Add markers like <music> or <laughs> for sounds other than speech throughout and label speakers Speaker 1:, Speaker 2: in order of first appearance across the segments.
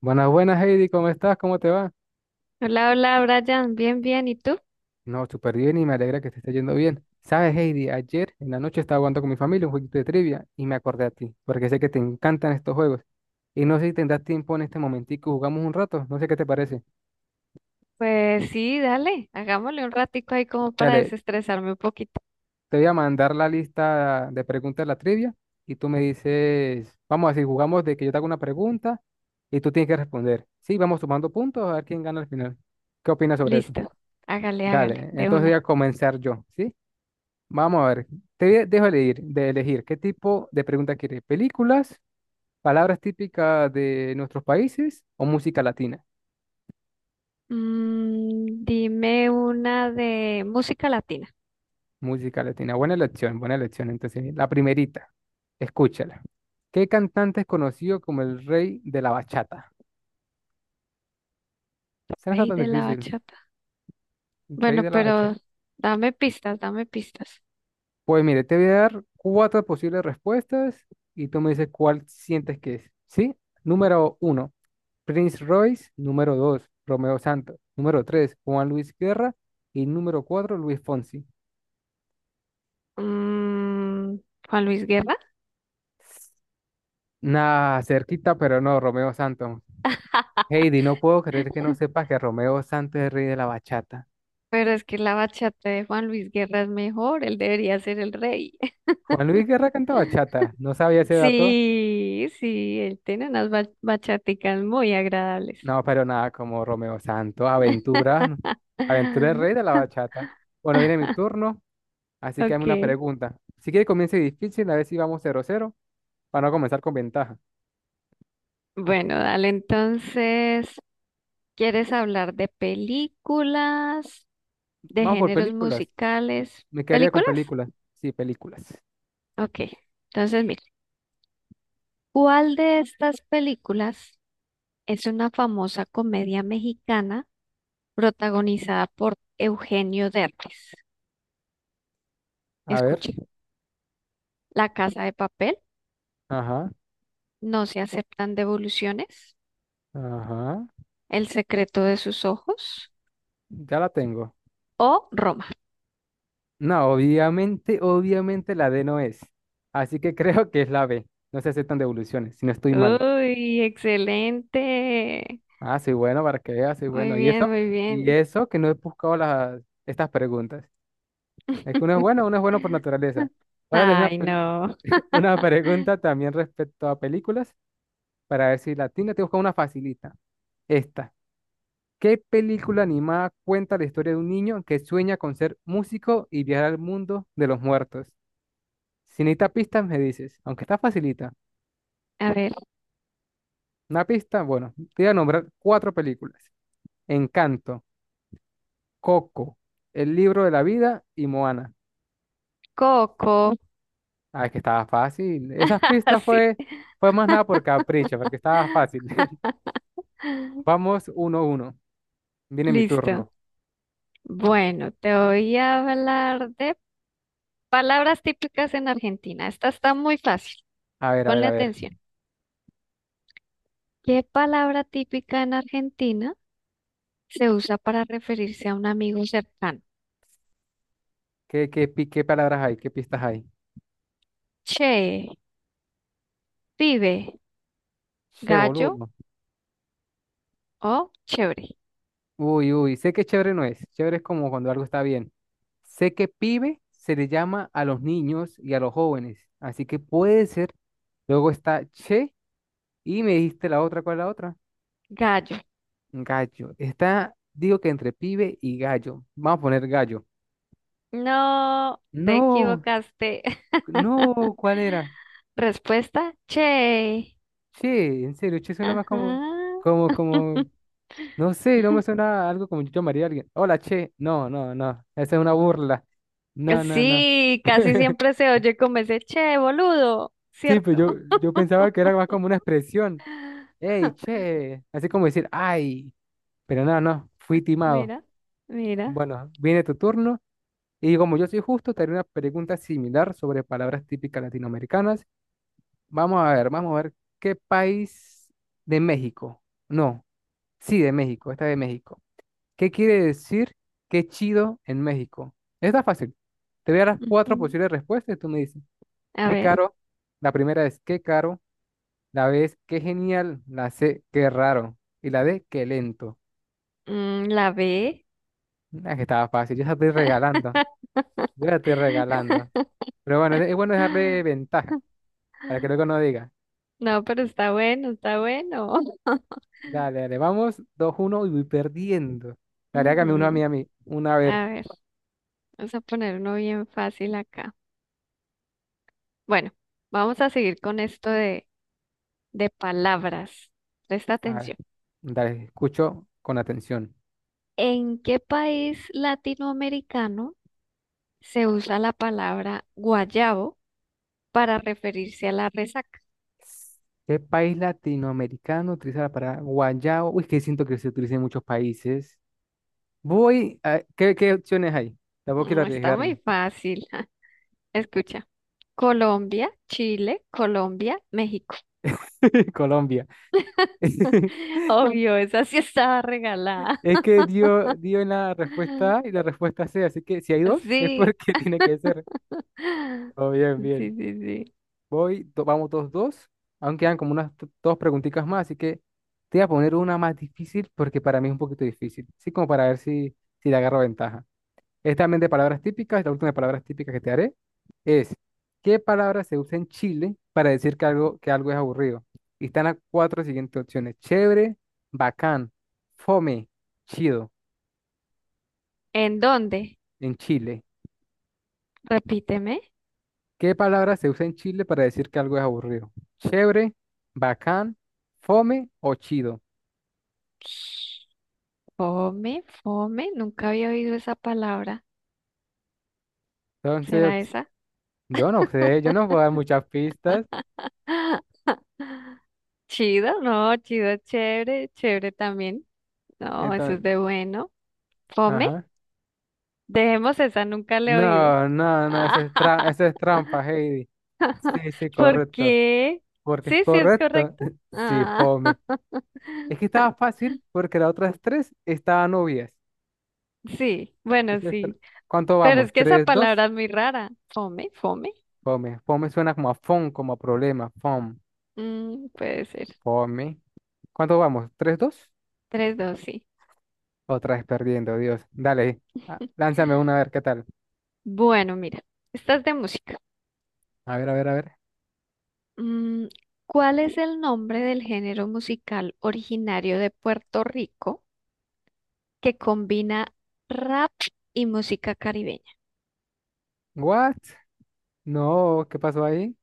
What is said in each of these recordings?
Speaker 1: Buenas, buenas, Heidi, ¿cómo estás? ¿Cómo te va?
Speaker 2: Hola, hola, Brian. Bien, bien. ¿Y tú?
Speaker 1: No, súper bien y me alegra que te esté yendo bien. Sabes, Heidi, ayer en la noche estaba jugando con mi familia un jueguito de trivia y me acordé a ti, porque sé que te encantan estos juegos. Y no sé si tendrás tiempo en este momentico, jugamos un rato, no sé qué te parece.
Speaker 2: Pues <laughs> sí, dale. Hagámosle un ratico ahí como para
Speaker 1: Dale,
Speaker 2: desestresarme un poquito.
Speaker 1: te voy a mandar la lista de preguntas de la trivia y tú me dices, vamos a decir, jugamos de que yo te hago una pregunta y tú tienes que responder. Sí, vamos sumando puntos a ver quién gana al final. ¿Qué opinas sobre eso?
Speaker 2: Listo. Hágale, hágale,
Speaker 1: Dale,
Speaker 2: de
Speaker 1: entonces voy a
Speaker 2: una.
Speaker 1: comenzar yo, ¿sí? Vamos a ver, te dejo elegir, de elegir qué tipo de pregunta quieres, películas, palabras típicas de nuestros países o música latina.
Speaker 2: Dime una de música latina.
Speaker 1: Música latina, buena elección, buena elección. Entonces, la primerita, escúchala. ¿Qué cantante es conocido como el rey de la bachata? Esa no está
Speaker 2: Rey
Speaker 1: tan
Speaker 2: de la
Speaker 1: difícil,
Speaker 2: bachata.
Speaker 1: el rey
Speaker 2: Bueno,
Speaker 1: de la bachata.
Speaker 2: pero dame pistas.
Speaker 1: Pues mire, te voy a dar cuatro posibles respuestas y tú me dices cuál sientes que es. ¿Sí? Número uno, Prince Royce, número 2, Romeo Santos, número 3, Juan Luis Guerra y número 4 Luis Fonsi.
Speaker 2: Mm, Juan Luis Guerra.
Speaker 1: Nah, cerquita, pero no, Romeo Santos.
Speaker 2: <laughs>
Speaker 1: Heidi, no puedo creer que no sepas que Romeo Santos es el rey de la bachata.
Speaker 2: Pero es que la bachata de Juan Luis Guerra es mejor. Él debería ser el rey. <laughs>
Speaker 1: Juan Luis Guerra canta bachata, no sabía ese dato.
Speaker 2: Sí, sí, él tiene unas bachaticas muy agradables.
Speaker 1: No, pero nada, como Romeo Santos, aventura, ¿no? Aventura el rey de
Speaker 2: <laughs>
Speaker 1: la bachata. Bueno, viene mi turno, así que hazme
Speaker 2: Ok,
Speaker 1: una pregunta. Si quiere comience difícil, a ver si vamos 0-0 para no comenzar con ventaja.
Speaker 2: bueno, dale, entonces, ¿quieres hablar de películas, de
Speaker 1: Vamos por
Speaker 2: géneros
Speaker 1: películas.
Speaker 2: musicales?
Speaker 1: Me quedaría con
Speaker 2: ¿Películas?
Speaker 1: películas. Sí, películas.
Speaker 2: Ok, entonces, mira, ¿cuál de estas películas es una famosa comedia mexicana protagonizada por Eugenio Derbez?
Speaker 1: A ver.
Speaker 2: Escucha, La Casa de Papel,
Speaker 1: Ajá.
Speaker 2: No se aceptan devoluciones,
Speaker 1: Ajá.
Speaker 2: El secreto de sus ojos
Speaker 1: Ya la tengo.
Speaker 2: o Roma.
Speaker 1: No, obviamente, obviamente la D no es. Así que <laughs> creo que es la B. No se aceptan devoluciones, si no estoy mal.
Speaker 2: Uy, excelente.
Speaker 1: Ah, soy bueno para que veas, soy
Speaker 2: Muy
Speaker 1: bueno. ¿Y eso?
Speaker 2: bien, muy
Speaker 1: Y
Speaker 2: bien.
Speaker 1: eso que no he buscado estas preguntas. Es que
Speaker 2: <laughs>
Speaker 1: uno es bueno por naturaleza. Ahora te hago
Speaker 2: Ay, no.
Speaker 1: <laughs> una pregunta también respecto a películas, para ver si la tengo. Te busco una facilita. Esta. ¿Qué película animada cuenta la historia de un niño que sueña con ser músico y viajar al mundo de los muertos? Si necesitas pistas, me dices, aunque está facilita.
Speaker 2: A ver,
Speaker 1: Una pista, bueno, te voy a nombrar cuatro películas. Encanto, Coco, El libro de la vida y Moana.
Speaker 2: Coco.
Speaker 1: Ah, es que estaba fácil. Esas
Speaker 2: <laughs>
Speaker 1: pistas
Speaker 2: Sí.
Speaker 1: fue más nada por capricho, porque estaba fácil. <laughs>
Speaker 2: <laughs>
Speaker 1: Vamos 1-1. Viene mi
Speaker 2: Listo.
Speaker 1: turno.
Speaker 2: Bueno, te voy a hablar de palabras típicas en Argentina. Esta está muy fácil.
Speaker 1: A ver, a ver,
Speaker 2: Ponle
Speaker 1: a ver.
Speaker 2: atención. ¿Qué palabra típica en Argentina se usa para referirse a un amigo cercano?
Speaker 1: ¿Qué palabras hay? ¿Qué pistas hay?
Speaker 2: Che, pibe,
Speaker 1: Che,
Speaker 2: Gallo
Speaker 1: boludo.
Speaker 2: o chévere.
Speaker 1: Uy, uy, sé que chévere no es. Chévere es como cuando algo está bien. Sé que pibe se le llama a los niños y a los jóvenes. Así que puede ser. Luego está che y me dijiste la otra, ¿cuál es la otra?
Speaker 2: Gallo.
Speaker 1: Gallo. Digo que entre pibe y gallo. Vamos a poner gallo.
Speaker 2: No, te
Speaker 1: No,
Speaker 2: equivocaste.
Speaker 1: no,
Speaker 2: <laughs>
Speaker 1: ¿cuál era?
Speaker 2: Respuesta, che.
Speaker 1: Che, en serio, che suena más como,
Speaker 2: Ajá.
Speaker 1: como, como,
Speaker 2: <laughs>
Speaker 1: no sé, no me suena a algo como yo llamaría a alguien. Hola, che. No, no, no. Esa es una burla. No, no, no.
Speaker 2: Sí, casi
Speaker 1: <laughs>
Speaker 2: siempre se oye como ese che, boludo,
Speaker 1: Sí, pues
Speaker 2: ¿cierto?
Speaker 1: yo pensaba que era más como una expresión. ¡Ey,
Speaker 2: <laughs>
Speaker 1: che! Así como decir, ¡ay! Pero no, no, fui timado.
Speaker 2: Mira, mira.
Speaker 1: Bueno, viene tu turno. Y como yo soy justo, te haré una pregunta similar sobre palabras típicas latinoamericanas. Vamos a ver qué país de México. No, sí, de México, esta de México. ¿Qué quiere decir qué chido en México? Está fácil. Te voy a dar las
Speaker 2: Ujú.
Speaker 1: cuatro posibles respuestas y tú me dices,
Speaker 2: A
Speaker 1: qué
Speaker 2: ver,
Speaker 1: caro. La primera es qué caro. La B es qué genial, la C qué raro y la D qué lento.
Speaker 2: la B.
Speaker 1: Ah, que estaba fácil, yo la estoy regalando, yo la estoy regalando. Pero bueno, es bueno
Speaker 2: <laughs>
Speaker 1: dejarle ventaja para que luego no diga.
Speaker 2: No, pero está bueno, está bueno.
Speaker 1: Dale, dale, vamos 2-1 y voy perdiendo. Dale, hágame uno
Speaker 2: Ujú.
Speaker 1: a mí, una a
Speaker 2: A
Speaker 1: ver.
Speaker 2: ver, vamos a poner uno bien fácil acá. Bueno, vamos a seguir con esto de palabras. Presta
Speaker 1: A ver,
Speaker 2: atención.
Speaker 1: dale, escucho con atención.
Speaker 2: ¿En qué país latinoamericano se usa la palabra guayabo para referirse a la resaca?
Speaker 1: ¿Qué país latinoamericano utiliza la palabra guayabo? Uy, que siento que se utiliza en muchos países. Voy a. ¿Qué opciones hay? Tampoco quiero
Speaker 2: Mm, está muy
Speaker 1: arriesgarme.
Speaker 2: fácil. <laughs> Escucha. Colombia, Chile, Colombia, México.
Speaker 1: <laughs> Colombia. <laughs>
Speaker 2: <laughs> Obvio, esa sí estaba regalada.
Speaker 1: Es que dio en la respuesta A y
Speaker 2: <laughs>
Speaker 1: la respuesta C, así que si hay dos, es
Speaker 2: Sí.
Speaker 1: porque <laughs> tiene que ser.
Speaker 2: Sí,
Speaker 1: Oh, bien,
Speaker 2: sí,
Speaker 1: bien.
Speaker 2: sí.
Speaker 1: Vamos 2-2. Aún quedan como unas dos preguntitas más, así que te voy a poner una más difícil porque para mí es un poquito difícil. Así como para ver si le agarro ventaja. Es también de palabras típicas, la última de palabras típicas que te haré es, ¿qué palabra se usa en Chile para decir que algo es aburrido? Y están las cuatro siguientes opciones. Chévere, bacán, fome, chido,
Speaker 2: ¿En dónde?
Speaker 1: en Chile.
Speaker 2: Repíteme.
Speaker 1: ¿Qué palabra se usa en Chile para decir que algo es aburrido? Chévere, bacán, fome o chido.
Speaker 2: Fome, fome. Nunca había oído esa palabra.
Speaker 1: Entonces,
Speaker 2: ¿Será
Speaker 1: ops,
Speaker 2: esa?
Speaker 1: yo no sé, yo no puedo dar muchas pistas.
Speaker 2: <laughs> Chido, no, chido, chévere, chévere también. No, eso es
Speaker 1: Entonces,
Speaker 2: de bueno. Fome,
Speaker 1: ajá.
Speaker 2: dejemos esa, nunca le he oído.
Speaker 1: No, no, no, eso es
Speaker 2: <laughs>
Speaker 1: trampa, Heidi. Sí, sí,
Speaker 2: ¿Por
Speaker 1: correcto.
Speaker 2: qué?
Speaker 1: Porque es
Speaker 2: Sí, sí, es
Speaker 1: correcto.
Speaker 2: correcto.
Speaker 1: <laughs> Sí,
Speaker 2: Ah,
Speaker 1: fome.
Speaker 2: <laughs>
Speaker 1: Es que estaba fácil porque las otras tres estaban obvias.
Speaker 2: sí, bueno,
Speaker 1: Eso es tra-
Speaker 2: sí.
Speaker 1: ¿Cuánto
Speaker 2: Pero
Speaker 1: vamos?
Speaker 2: es que esa
Speaker 1: ¿3-2?
Speaker 2: palabra es muy rara. Fome, fome.
Speaker 1: Fome. Fome suena como a fon, como a problema. Fom.
Speaker 2: Mm, puede ser.
Speaker 1: Fome. ¿Cuánto vamos? ¿Tres, dos?
Speaker 2: Tres, dos, sí.
Speaker 1: Otra vez perdiendo, Dios. Dale, lánzame una a ver qué tal.
Speaker 2: Bueno, mira, estas de música.
Speaker 1: A ver, a ver, a ver.
Speaker 2: Mm, ¿Cuál es el nombre del género musical originario de Puerto Rico que combina rap y música caribeña?
Speaker 1: ¿What? No, ¿qué pasó ahí?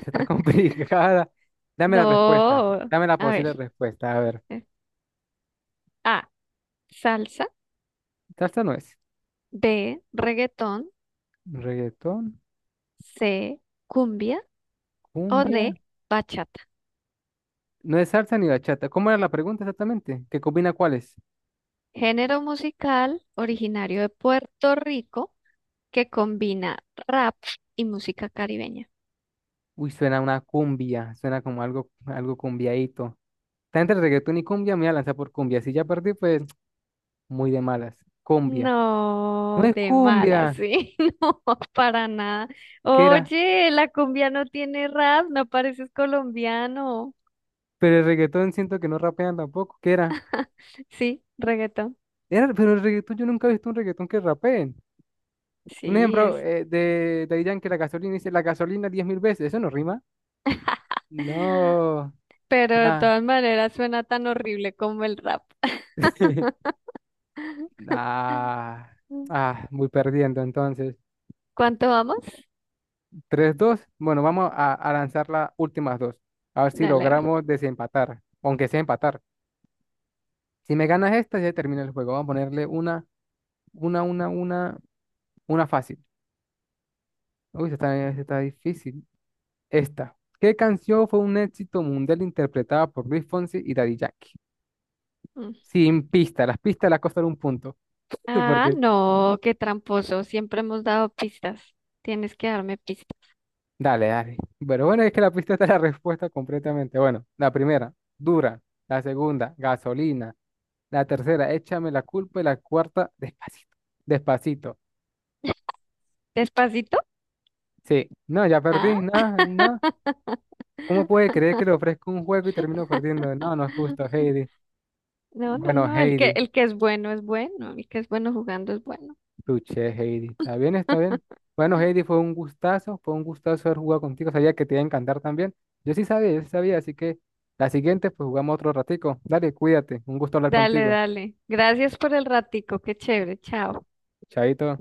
Speaker 1: Está <laughs> complicada. Dame la respuesta.
Speaker 2: No,
Speaker 1: Dame la
Speaker 2: a
Speaker 1: posible
Speaker 2: ver.
Speaker 1: respuesta. A ver.
Speaker 2: eh, A, salsa,
Speaker 1: Salsa no es.
Speaker 2: B, reggaetón,
Speaker 1: Reggaetón,
Speaker 2: C, cumbia o
Speaker 1: cumbia.
Speaker 2: D, bachata.
Speaker 1: No es salsa ni bachata. ¿Cómo era la pregunta exactamente? ¿Qué combina cuáles?
Speaker 2: Género musical originario de Puerto Rico que combina rap y música caribeña.
Speaker 1: Uy, suena una cumbia. Suena como algo cumbiaíto. Está entre reggaetón y cumbia. Me voy a lanzar por cumbia. Si ya perdí, pues muy de malas. Cumbia. No
Speaker 2: No,
Speaker 1: es
Speaker 2: de mala,
Speaker 1: cumbia.
Speaker 2: sí, <laughs> no, para nada.
Speaker 1: ¿Qué era?
Speaker 2: Oye, la cumbia no tiene rap, no pareces colombiano.
Speaker 1: Pero el reggaetón siento que no rapean tampoco. ¿Qué era?
Speaker 2: Sí, reggaetón.
Speaker 1: Era, pero el reggaetón yo nunca he visto un reggaetón que rapeen. Un
Speaker 2: Sí,
Speaker 1: ejemplo
Speaker 2: es,
Speaker 1: de Daddy Yankee, la gasolina, dice la gasolina 10,000 veces. ¿Eso no rima? No,
Speaker 2: pero de
Speaker 1: nada.
Speaker 2: todas maneras suena tan horrible como el rap.
Speaker 1: <laughs>
Speaker 2: <laughs>
Speaker 1: Nah. Ah, muy perdiendo entonces.
Speaker 2: ¿Cuánto vamos?
Speaker 1: 3-2. Bueno, vamos a lanzar las últimas dos. A ver si
Speaker 2: Dale, a ver.
Speaker 1: logramos desempatar. Aunque sea empatar. Si me ganas esta, ya termina el juego. Vamos a ponerle una, una, una, una fácil. Uy, esta está difícil. Esta. ¿Qué canción fue un éxito mundial interpretada por Luis Fonsi y Daddy Yankee?
Speaker 2: Mm.
Speaker 1: Sin pista. Las pistas las costaron un punto. <laughs>
Speaker 2: Ah,
Speaker 1: Porque,
Speaker 2: no, qué tramposo, siempre hemos dado pistas. Tienes que darme pistas.
Speaker 1: dale, dale. Pero bueno, es que la pista está la respuesta completamente. Bueno, la primera, dura. La segunda, gasolina. La tercera, échame la culpa. Y la cuarta, despacito. Despacito.
Speaker 2: ¿Despacito?
Speaker 1: Sí. No, ya perdí.
Speaker 2: Ah.
Speaker 1: No, no. ¿Cómo puede
Speaker 2: <laughs>
Speaker 1: creer que le ofrezco un juego y termino perdiendo? No, no es justo, Heidi.
Speaker 2: No, no,
Speaker 1: Bueno,
Speaker 2: no,
Speaker 1: Heidi.
Speaker 2: el que es bueno, el que es bueno jugando es bueno.
Speaker 1: Luché, Heidi. Está bien, está
Speaker 2: <laughs>
Speaker 1: bien. Bueno, Heidi, fue un gustazo haber jugado contigo. Sabía que te iba a encantar también. Yo sí sabía, así que la siguiente, pues jugamos otro ratico. Dale, cuídate. Un gusto hablar
Speaker 2: Dale,
Speaker 1: contigo.
Speaker 2: dale. Gracias por el ratico, qué chévere, chao.
Speaker 1: Chaito.